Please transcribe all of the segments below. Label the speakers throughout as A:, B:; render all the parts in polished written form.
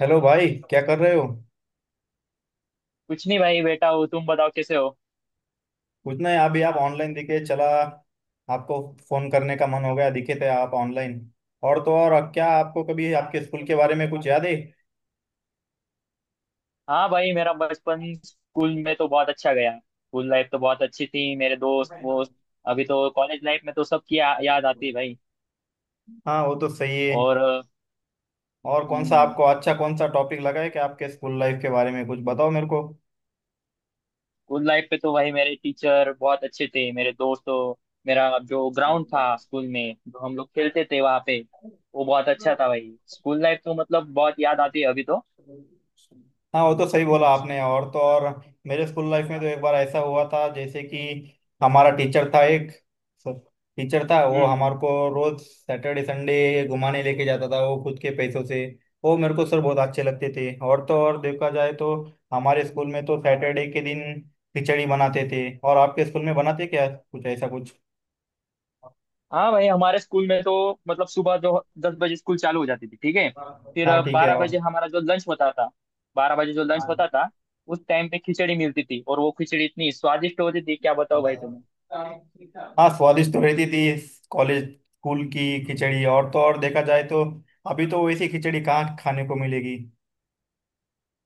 A: Hello भाई, क्या कर रहे हो।
B: कुछ नहीं भाई। बेटा हो तुम, बताओ कैसे हो।
A: कुछ नहीं, अभी आप ऑनलाइन दिखे चला आपको फोन करने का मन हो गया, दिखे थे आप ऑनलाइन। और तो और, अब क्या आपको कभी आपके स्कूल के बारे में कुछ याद है।
B: हाँ भाई, मेरा बचपन स्कूल में तो बहुत अच्छा गया। स्कूल लाइफ तो बहुत अच्छी थी, मेरे दोस्त वोस्त। अभी तो कॉलेज लाइफ में तो सबकी याद आती है भाई।
A: हाँ, वो तो सही है।
B: और
A: और कौन सा
B: हम्म,
A: आपको अच्छा कौन सा टॉपिक लगा है कि आपके स्कूल लाइफ के बारे में कुछ बताओ मेरे को।
B: स्कूल लाइफ पे तो भाई मेरे टीचर बहुत अच्छे थे। मेरे दोस्त तो मेरा जो ग्राउंड था स्कूल में जो हम लोग खेलते थे वहाँ पे, वो बहुत अच्छा था भाई। स्कूल लाइफ तो मतलब बहुत याद आती है अभी तो।
A: हाँ, वो तो सही बोला
B: हम्म
A: आपने। और तो और, मेरे स्कूल लाइफ में तो एक बार ऐसा हुआ था, जैसे कि हमारा टीचर था एक, टीचर था वो,
B: हम्म हम्म।
A: हमारे को रोज सैटरडे संडे घुमाने लेके जाता था वो, खुद के पैसों से। वो मेरे को सर बहुत अच्छे लगते थे। और तो और देखा जाए तो, हमारे स्कूल में तो सैटरडे के दिन खिचड़ी बनाते थे, और आपके स्कूल में बनाते क्या कुछ ऐसा कुछ।
B: हाँ भाई, हमारे स्कूल में तो मतलब सुबह जो 10 बजे स्कूल चालू हो जाती थी, ठीक है। फिर
A: हाँ, ठीक है।
B: 12 बजे हमारा जो लंच होता था। 12 बजे जो लंच
A: और
B: होता था, उस टाइम पे खिचड़ी मिलती थी। और वो खिचड़ी इतनी स्वादिष्ट होती थी, क्या बताओ भाई तुम्हें।
A: हाँ, स्वादिष्ट तो रहती थी कॉलेज स्कूल की खिचड़ी। और तो और देखा जाए तो, अभी तो वैसी खिचड़ी कहाँ खाने को मिलेगी।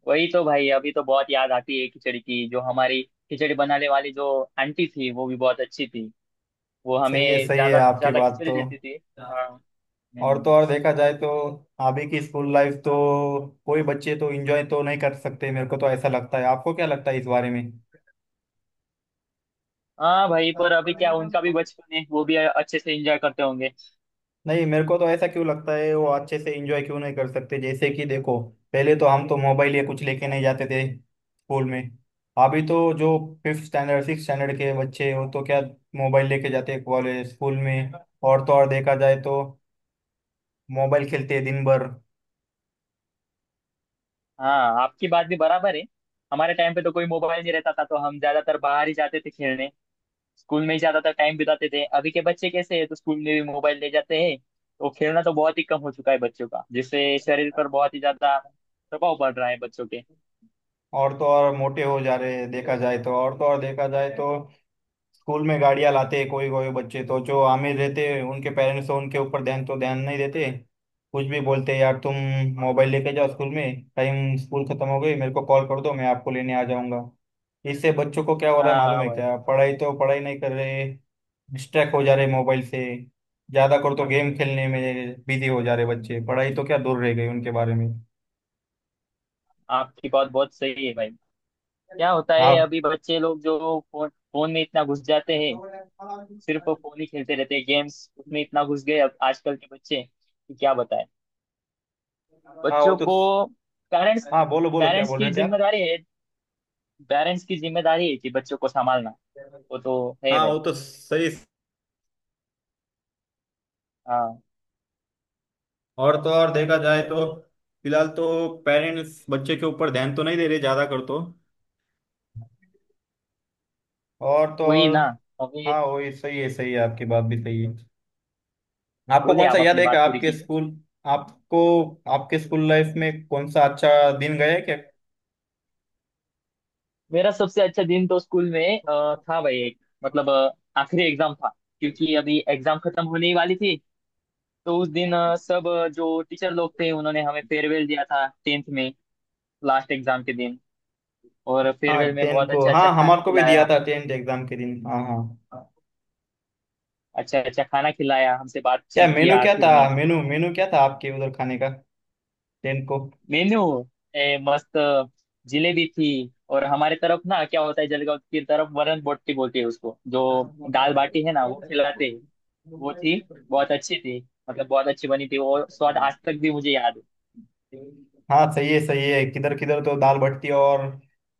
B: वही तो भाई, अभी तो बहुत याद आती है खिचड़ी की। जो हमारी खिचड़ी बनाने वाली जो आंटी थी वो भी बहुत अच्छी थी। वो
A: सही है,
B: हमें
A: सही है
B: ज्यादा
A: आपकी
B: ज्यादा
A: बात
B: खिचड़ी
A: तो।
B: देती थी। हाँ
A: और तो और देखा जाए तो, अभी की स्कूल लाइफ तो कोई बच्चे तो एंजॉय तो नहीं कर सकते, मेरे को तो ऐसा लगता है। आपको क्या लगता है इस बारे
B: हाँ भाई, पर अभी क्या
A: में।
B: उनका भी बचपन है, वो भी अच्छे से एंजॉय करते होंगे।
A: नहीं, मेरे को तो ऐसा क्यों लगता है, वो अच्छे से एंजॉय क्यों नहीं कर सकते, जैसे कि देखो, पहले तो हम तो मोबाइल या कुछ लेके नहीं जाते थे स्कूल में। अभी तो जो फिफ्थ स्टैंडर्ड सिक्स स्टैंडर्ड के बच्चे हैं, वो तो क्या मोबाइल लेके जाते हैं कॉलेज स्कूल में। और तो और देखा जाए तो, मोबाइल खेलते हैं दिन भर।
B: हाँ आपकी बात भी बराबर है। हमारे टाइम पे तो कोई मोबाइल नहीं रहता था, तो हम ज्यादातर बाहर ही जाते थे खेलने। स्कूल में ही ज्यादातर टाइम बिताते थे। अभी के बच्चे कैसे हैं तो स्कूल में भी मोबाइल ले जाते हैं, तो खेलना तो बहुत ही कम हो चुका है बच्चों का, जिससे शरीर पर बहुत ही ज्यादा प्रभाव पड़ रहा है बच्चों के।
A: और तो और मोटे हो जा रहे हैं देखा जाए तो। और तो और देखा जाए तो, स्कूल में गाड़ियां लाते हैं कोई कोई बच्चे, तो जो आमिर रहते हैं उनके पेरेंट्स तो उनके ऊपर ध्यान तो ध्यान नहीं देते। कुछ भी बोलते हैं, यार तुम मोबाइल लेके जाओ स्कूल में, टाइम स्कूल खत्म हो गई मेरे को कॉल कर दो, मैं आपको लेने आ जाऊंगा। इससे बच्चों को क्या हो रहा है
B: हाँ
A: मालूम
B: हाँ
A: है
B: भाई।
A: क्या? पढ़ाई तो पढ़ाई नहीं कर रहे, डिस्ट्रैक्ट हो जा रहे मोबाइल से, ज्यादा कर तो गेम खेलने में बिजी हो जा रहे बच्चे, पढ़ाई तो क्या दूर रह गई उनके बारे में।
B: आपकी बात बहुत सही है भाई। क्या होता है,
A: हाँ
B: अभी बच्चे लोग जो फोन फोन में इतना घुस जाते हैं। सिर्फ फोन ही खेलते रहते हैं, गेम्स उसमें इतना घुस गए अब आजकल के बच्चे, कि क्या बताएं
A: हाँ, वो
B: बच्चों
A: तो।
B: को। पेरेंट्स
A: हाँ, बोलो बोलो क्या
B: पेरेंट्स
A: बोल रहे
B: की
A: थे
B: जिम्मेदारी है। पेरेंट्स की जिम्मेदारी है कि बच्चों को संभालना।
A: आप।
B: वो तो है
A: हाँ,
B: भाई।
A: वो तो सही।
B: हाँ
A: और तो और देखा जाए तो, फिलहाल तो पेरेंट्स बच्चे के ऊपर ध्यान तो नहीं दे रहे ज्यादा कर तो। और तो
B: वही
A: और,
B: ना, अभी।
A: हाँ वही सही है, सही है, आपकी बात भी सही है। आपको
B: बोलिए,
A: कौन सा
B: आप
A: याद
B: अपनी
A: है कि
B: बात पूरी
A: आपके
B: कीजिए।
A: स्कूल, आपको आपके स्कूल लाइफ में कौन सा अच्छा दिन गया है क्या।
B: मेरा सबसे अच्छा दिन तो स्कूल में था भाई एक। मतलब आखिरी एग्जाम था। क्योंकि अभी एग्जाम खत्म होने ही वाली थी। तो उस दिन सब जो टीचर लोग थे उन्होंने हमें फेयरवेल दिया था टेंथ में लास्ट एग्जाम के दिन। और
A: हाँ
B: फेयरवेल में
A: टेन
B: बहुत
A: को,
B: अच्छा अच्छा
A: हाँ
B: खाना
A: हमारे को भी दिया
B: खिलाया।
A: था टेंथ एग्जाम के दिन, हाँ हाँ।
B: अच्छा अच्छा खाना खिलाया, हमसे
A: क्या
B: बातचीत
A: मेनू
B: किया
A: क्या
B: आखिर
A: था
B: में।
A: मेनू मेनू क्या था आपके उधर खाने का, टेंथ को?
B: मेन्यू ए मस्त। जिलेबी थी। और हमारे तरफ ना, क्या होता है, जलगांव की तरफ वरण बोटी बोलते हैं उसको। जो दाल
A: हाँ,
B: बाटी है ना, वो खिलाते हैं, वो थी। बहुत अच्छी थी। मतलब बहुत अच्छी बनी थी, वो स्वाद आज तक भी मुझे याद है।
A: सही है सही है, किधर किधर तो दाल भट्टी, और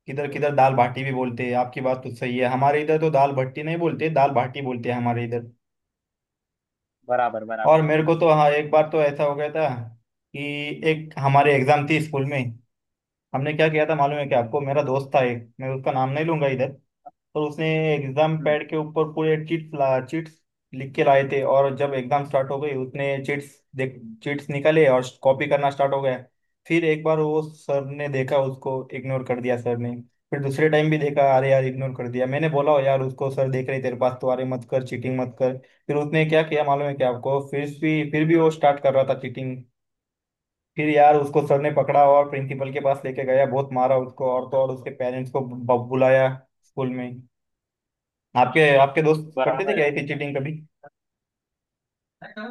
A: किधर किधर दाल बाटी भी बोलते हैं, आपकी बात तो सही है, हमारे इधर तो दाल भट्टी नहीं बोलते, दाल बाटी बोलते हैं हमारे इधर।
B: बराबर बराबर।
A: और मेरे को तो, हाँ, एक बार तो ऐसा हो गया था कि एक हमारी एग्जाम थी स्कूल में, हमने क्या किया था मालूम है कि आपको, मेरा दोस्त था एक, मैं उसका नाम नहीं लूंगा इधर। तो उसने एग्जाम
B: हम्म,
A: पैड के ऊपर पूरे चीट्स लिख के लाए थे, और जब एग्जाम स्टार्ट हो गई उसने चीट्स निकाले और कॉपी करना स्टार्ट हो गया। फिर एक बार वो सर ने देखा, उसको इग्नोर कर दिया सर ने। फिर दूसरे टाइम भी देखा, अरे यार, इग्नोर कर दिया। मैंने बोला, "ओ यार, उसको सर देख रहे तेरे पास तो, अरे मत कर चीटिंग, मत कर।" फिर उसने क्या किया मालूम है क्या आपको, फिर भी वो स्टार्ट कर रहा था चीटिंग। फिर यार उसको सर ने पकड़ा और प्रिंसिपल के पास लेके गया, बहुत मारा उसको, और तो और उसके पेरेंट्स को बुलाया स्कूल में। आपके आपके दोस्त करते थे
B: बराबर है।
A: क्या ऐसी चीटिंग कभी।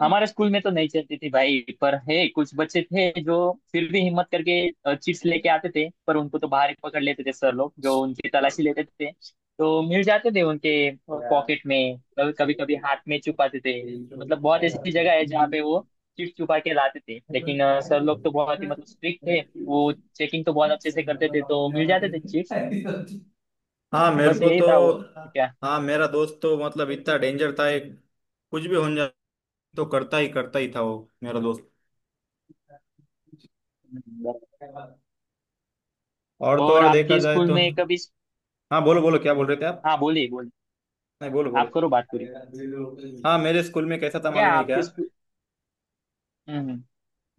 B: हमारे स्कूल में तो नहीं चलती थी भाई, पर है कुछ बच्चे थे जो फिर भी हिम्मत करके चिप्स लेके आते थे। पर उनको तो बाहर ही पकड़ लेते थे सर लोग, जो उनकी तलाशी लेते थे तो मिल जाते थे उनके पॉकेट में। कभी कभी कभी हाथ में छुपाते थे। मतलब बहुत ऐसी जगह है जहाँ पे वो चिप्स छुपा के लाते थे। लेकिन सर लोग तो बहुत ही मतलब स्ट्रिक्ट थे। वो चेकिंग तो बहुत अच्छे से करते थे, तो मिल जाते थे चिप्स।
A: हाँ मेरे
B: बस
A: को
B: यही
A: तो,
B: था वो। क्या?
A: हाँ, मेरा दोस्त तो मतलब इतना डेंजर था एक, कुछ भी होने तो करता ही था वो, मेरा दोस्त।
B: बराबर।
A: और तो
B: और
A: और देखा
B: आपके
A: जाए
B: स्कूल
A: तो,
B: में कभी?
A: हाँ बोलो बोलो क्या बोल रहे थे आप।
B: हाँ बोलिए बोलिए।
A: नहीं बोलो बोलो।
B: आप करो बात पूरी।
A: हाँ, मेरे स्कूल में कैसा था
B: क्या
A: मालूम है क्या,
B: आपके स्कूल? हम्म।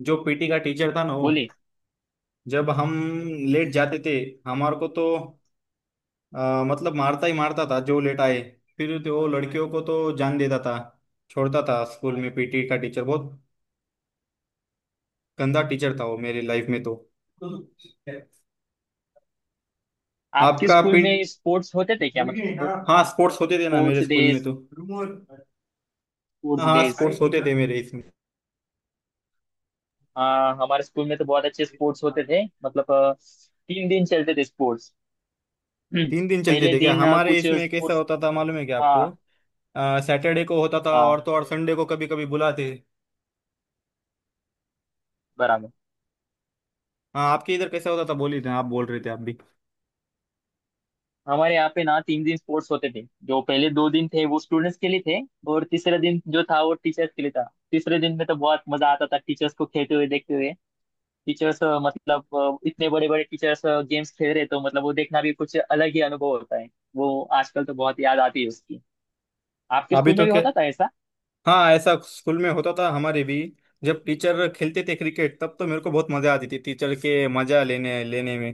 A: जो पीटी का टीचर था ना वो,
B: बोलिए।
A: जब हम लेट जाते थे हमारे को तो मतलब मारता ही मारता था जो लेट आए। फिर तो वो लड़कियों को तो जान देता था, छोड़ता था स्कूल में। पीटी का टीचर बहुत गंदा टीचर था वो मेरी लाइफ में तो।
B: आपके
A: आपका
B: स्कूल
A: पी
B: में स्पोर्ट्स होते थे क्या, मतलब
A: हाँ स्पोर्ट्स होते थे ना मेरे
B: स्पोर्ट्स
A: स्कूल में
B: डेज?
A: तो,
B: स्पोर्ट्स
A: हाँ
B: डेज।
A: स्पोर्ट्स होते थे मेरे
B: हाँ हमारे स्कूल में तो बहुत अच्छे स्पोर्ट्स होते
A: इसमें।
B: थे, मतलब 3 दिन चलते थे स्पोर्ट्स। हम्म,
A: तीन दिन चलते
B: पहले
A: थे क्या
B: दिन
A: हमारे
B: कुछ
A: इसमें, कैसा
B: स्पोर्ट्स।
A: होता था मालूम है क्या आपको,
B: हाँ
A: सैटरडे को होता था, और
B: हाँ
A: तो और संडे को कभी कभी बुलाते।
B: बराबर।
A: हाँ, आपके इधर कैसा होता था बोलिए ना, आप बोल रहे थे आप भी।
B: हमारे यहाँ पे ना 3 दिन स्पोर्ट्स होते थे। जो पहले 2 दिन थे वो स्टूडेंट्स के लिए थे। और तीसरा दिन जो था वो टीचर्स के लिए था। तीसरे दिन में तो बहुत मजा आता था टीचर्स को खेलते हुए देखते हुए। टीचर्स मतलब इतने बड़े बड़े टीचर्स गेम्स खेल रहे, तो मतलब वो देखना भी कुछ अलग ही अनुभव होता है। वो आजकल तो बहुत याद आती है उसकी। आपके
A: अभी
B: स्कूल में
A: तो
B: भी
A: क्या,
B: होता था ऐसा?
A: हाँ ऐसा स्कूल में होता था हमारे भी, जब टीचर खेलते थे क्रिकेट तब तो मेरे को बहुत मजा आती थी टीचर के मजा लेने लेने में।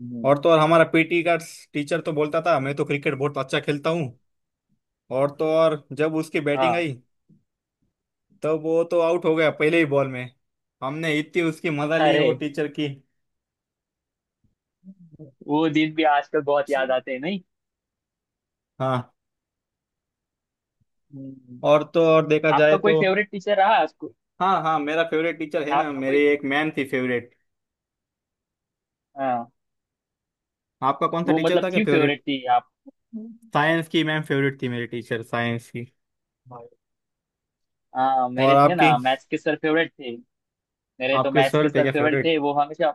B: हम्म,
A: और तो और हमारा पीटी का टीचर तो बोलता था मैं तो क्रिकेट बहुत अच्छा खेलता हूँ, और तो और जब उसकी बैटिंग
B: हाँ।
A: आई तब वो तो आउट हो गया पहले ही बॉल में। हमने इतनी उसकी मजा ली
B: अरे,
A: वो टीचर की।
B: वो दिन भी आजकल बहुत याद आते हैं, नहीं?
A: हाँ।
B: हम्म।
A: और तो और देखा
B: आपका
A: जाए
B: आपका कोई
A: तो,
B: फेवरेट टीचर रहा स्कूल?
A: हाँ हाँ मेरा फेवरेट टीचर है ना,
B: आपका
A: मेरी
B: कोई?
A: एक मैम थी फेवरेट।
B: हाँ
A: आपका कौन सा
B: वो
A: टीचर
B: मतलब
A: था क्या
B: क्यों फेवरेट
A: फेवरेट,
B: थी आप?
A: साइंस की मैम फेवरेट थी मेरी, टीचर साइंस की।
B: हाँ
A: और
B: मेरे थे
A: आपकी
B: ना, मैथ्स के सर फेवरेट थे। मेरे तो
A: आपके
B: मैथ्स के
A: सर थे
B: सर
A: क्या
B: फेवरेट
A: फेवरेट?
B: थे, वो हमेशा।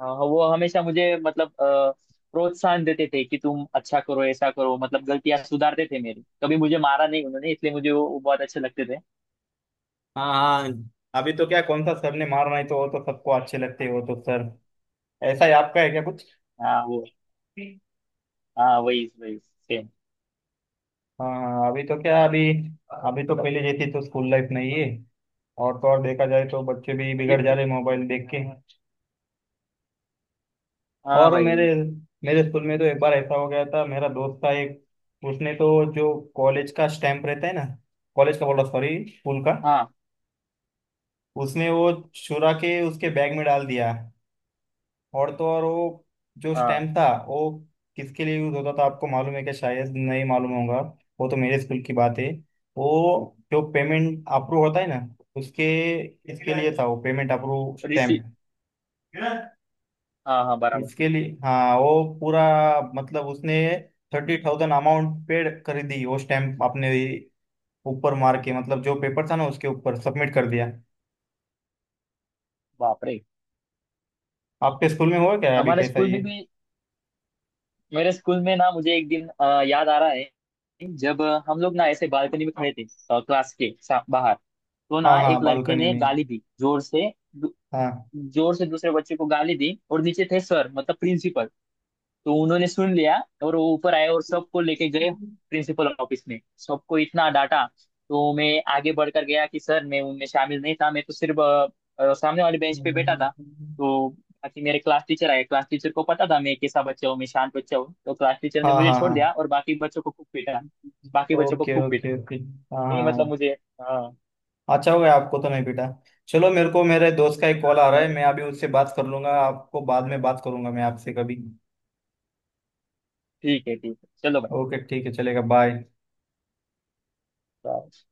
B: हाँ हाँ, वो हमेशा मुझे मतलब प्रोत्साहन देते थे कि तुम अच्छा करो ऐसा करो, मतलब गलतियां सुधारते थे मेरी। कभी मुझे मारा नहीं उन्होंने, इसलिए मुझे वो बहुत अच्छे लगते थे।
A: हाँ हाँ, अभी तो क्या कौन सा सर ने मार नहीं तो वो तो सबको अच्छे लगते हैं वो तो सर, ऐसा ही आपका है क्या कुछ।
B: हाँ वो। हाँ वही वही सेम।
A: हाँ हाँ, अभी तो क्या, अभी अभी तो पहले जैसी तो स्कूल लाइफ नहीं है, और तो और देखा जाए तो बच्चे भी
B: अभी
A: बिगड़ जा
B: तो
A: रहे मोबाइल देख के।
B: हाँ
A: और
B: भाई।
A: मेरे मेरे स्कूल में तो एक बार ऐसा हो गया था, मेरा दोस्त था एक, उसने तो जो कॉलेज का स्टैंप रहता है ना, कॉलेज का बोल रहा, सॉरी स्कूल का,
B: हाँ
A: उसने वो चुरा के उसके बैग में डाल दिया। और तो और वो जो
B: हाँ।
A: स्टैंप था वो किसके लिए यूज होता था आपको मालूम है क्या, शायद नहीं मालूम होगा, वो तो मेरे स्कूल की बात है। वो जो पेमेंट अप्रूव होता है ना उसके इसके लिए था वो, पेमेंट अप्रूव
B: ऋषि।
A: स्टैंप।
B: हाँ हाँ बराबर।
A: इसके लिए हाँ, वो पूरा मतलब उसने 30,000 अमाउंट पेड कर दी वो स्टैम्प अपने ऊपर मार के, मतलब जो पेपर था ना उसके ऊपर सबमिट कर दिया।
B: बाप रे।
A: आपके स्कूल में हुआ क्या अभी
B: हमारे
A: कैसा
B: स्कूल
A: ये।
B: में भी। मेरे स्कूल में ना, मुझे एक दिन याद आ रहा है। जब हम लोग ना ऐसे बालकनी में खड़े थे, क्लास के बाहर। तो
A: हाँ
B: ना
A: हाँ,
B: एक लड़के
A: बालकनी
B: ने
A: में।
B: गाली दी जोर से।
A: हाँ
B: जोर से दूसरे बच्चे को गाली दी, और नीचे थे सर, मतलब प्रिंसिपल। तो उन्होंने सुन लिया। और वो ऊपर आए और सबको लेके गए। प्रिंसिपल ऑफिस में सबको इतना डांटा। तो मैं आगे बढ़कर गया कि सर मैं उनमें शामिल नहीं था, मैं तो सिर्फ सामने वाले बेंच पे बैठा था तो। बाकी मेरे क्लास टीचर आए, क्लास टीचर को पता था मैं कैसा बच्चा हूँ, मैं शांत बच्चा हूँ, तो क्लास टीचर ने
A: हाँ
B: मुझे
A: हाँ।
B: छोड़
A: हाँ,
B: दिया और बाकी बच्चों को खूब पीटा। बाकी बच्चों को
A: ओके
B: खूब पीटा।
A: Okay okay. हाँ
B: नहीं
A: हाँ
B: मतलब
A: हाँ।
B: मुझे। हाँ
A: अच्छा, हो गया, आपको तो नहीं पीटा। चलो, मेरे को मेरे दोस्त का एक कॉल आ रहा है,
B: हाँ,
A: मैं अभी उससे बात कर लूंगा, आपको बाद में बात करूंगा मैं आपसे कभी।
B: ठीक है चलो
A: ओके, ठीक है, चलेगा, बाय।
B: भाई।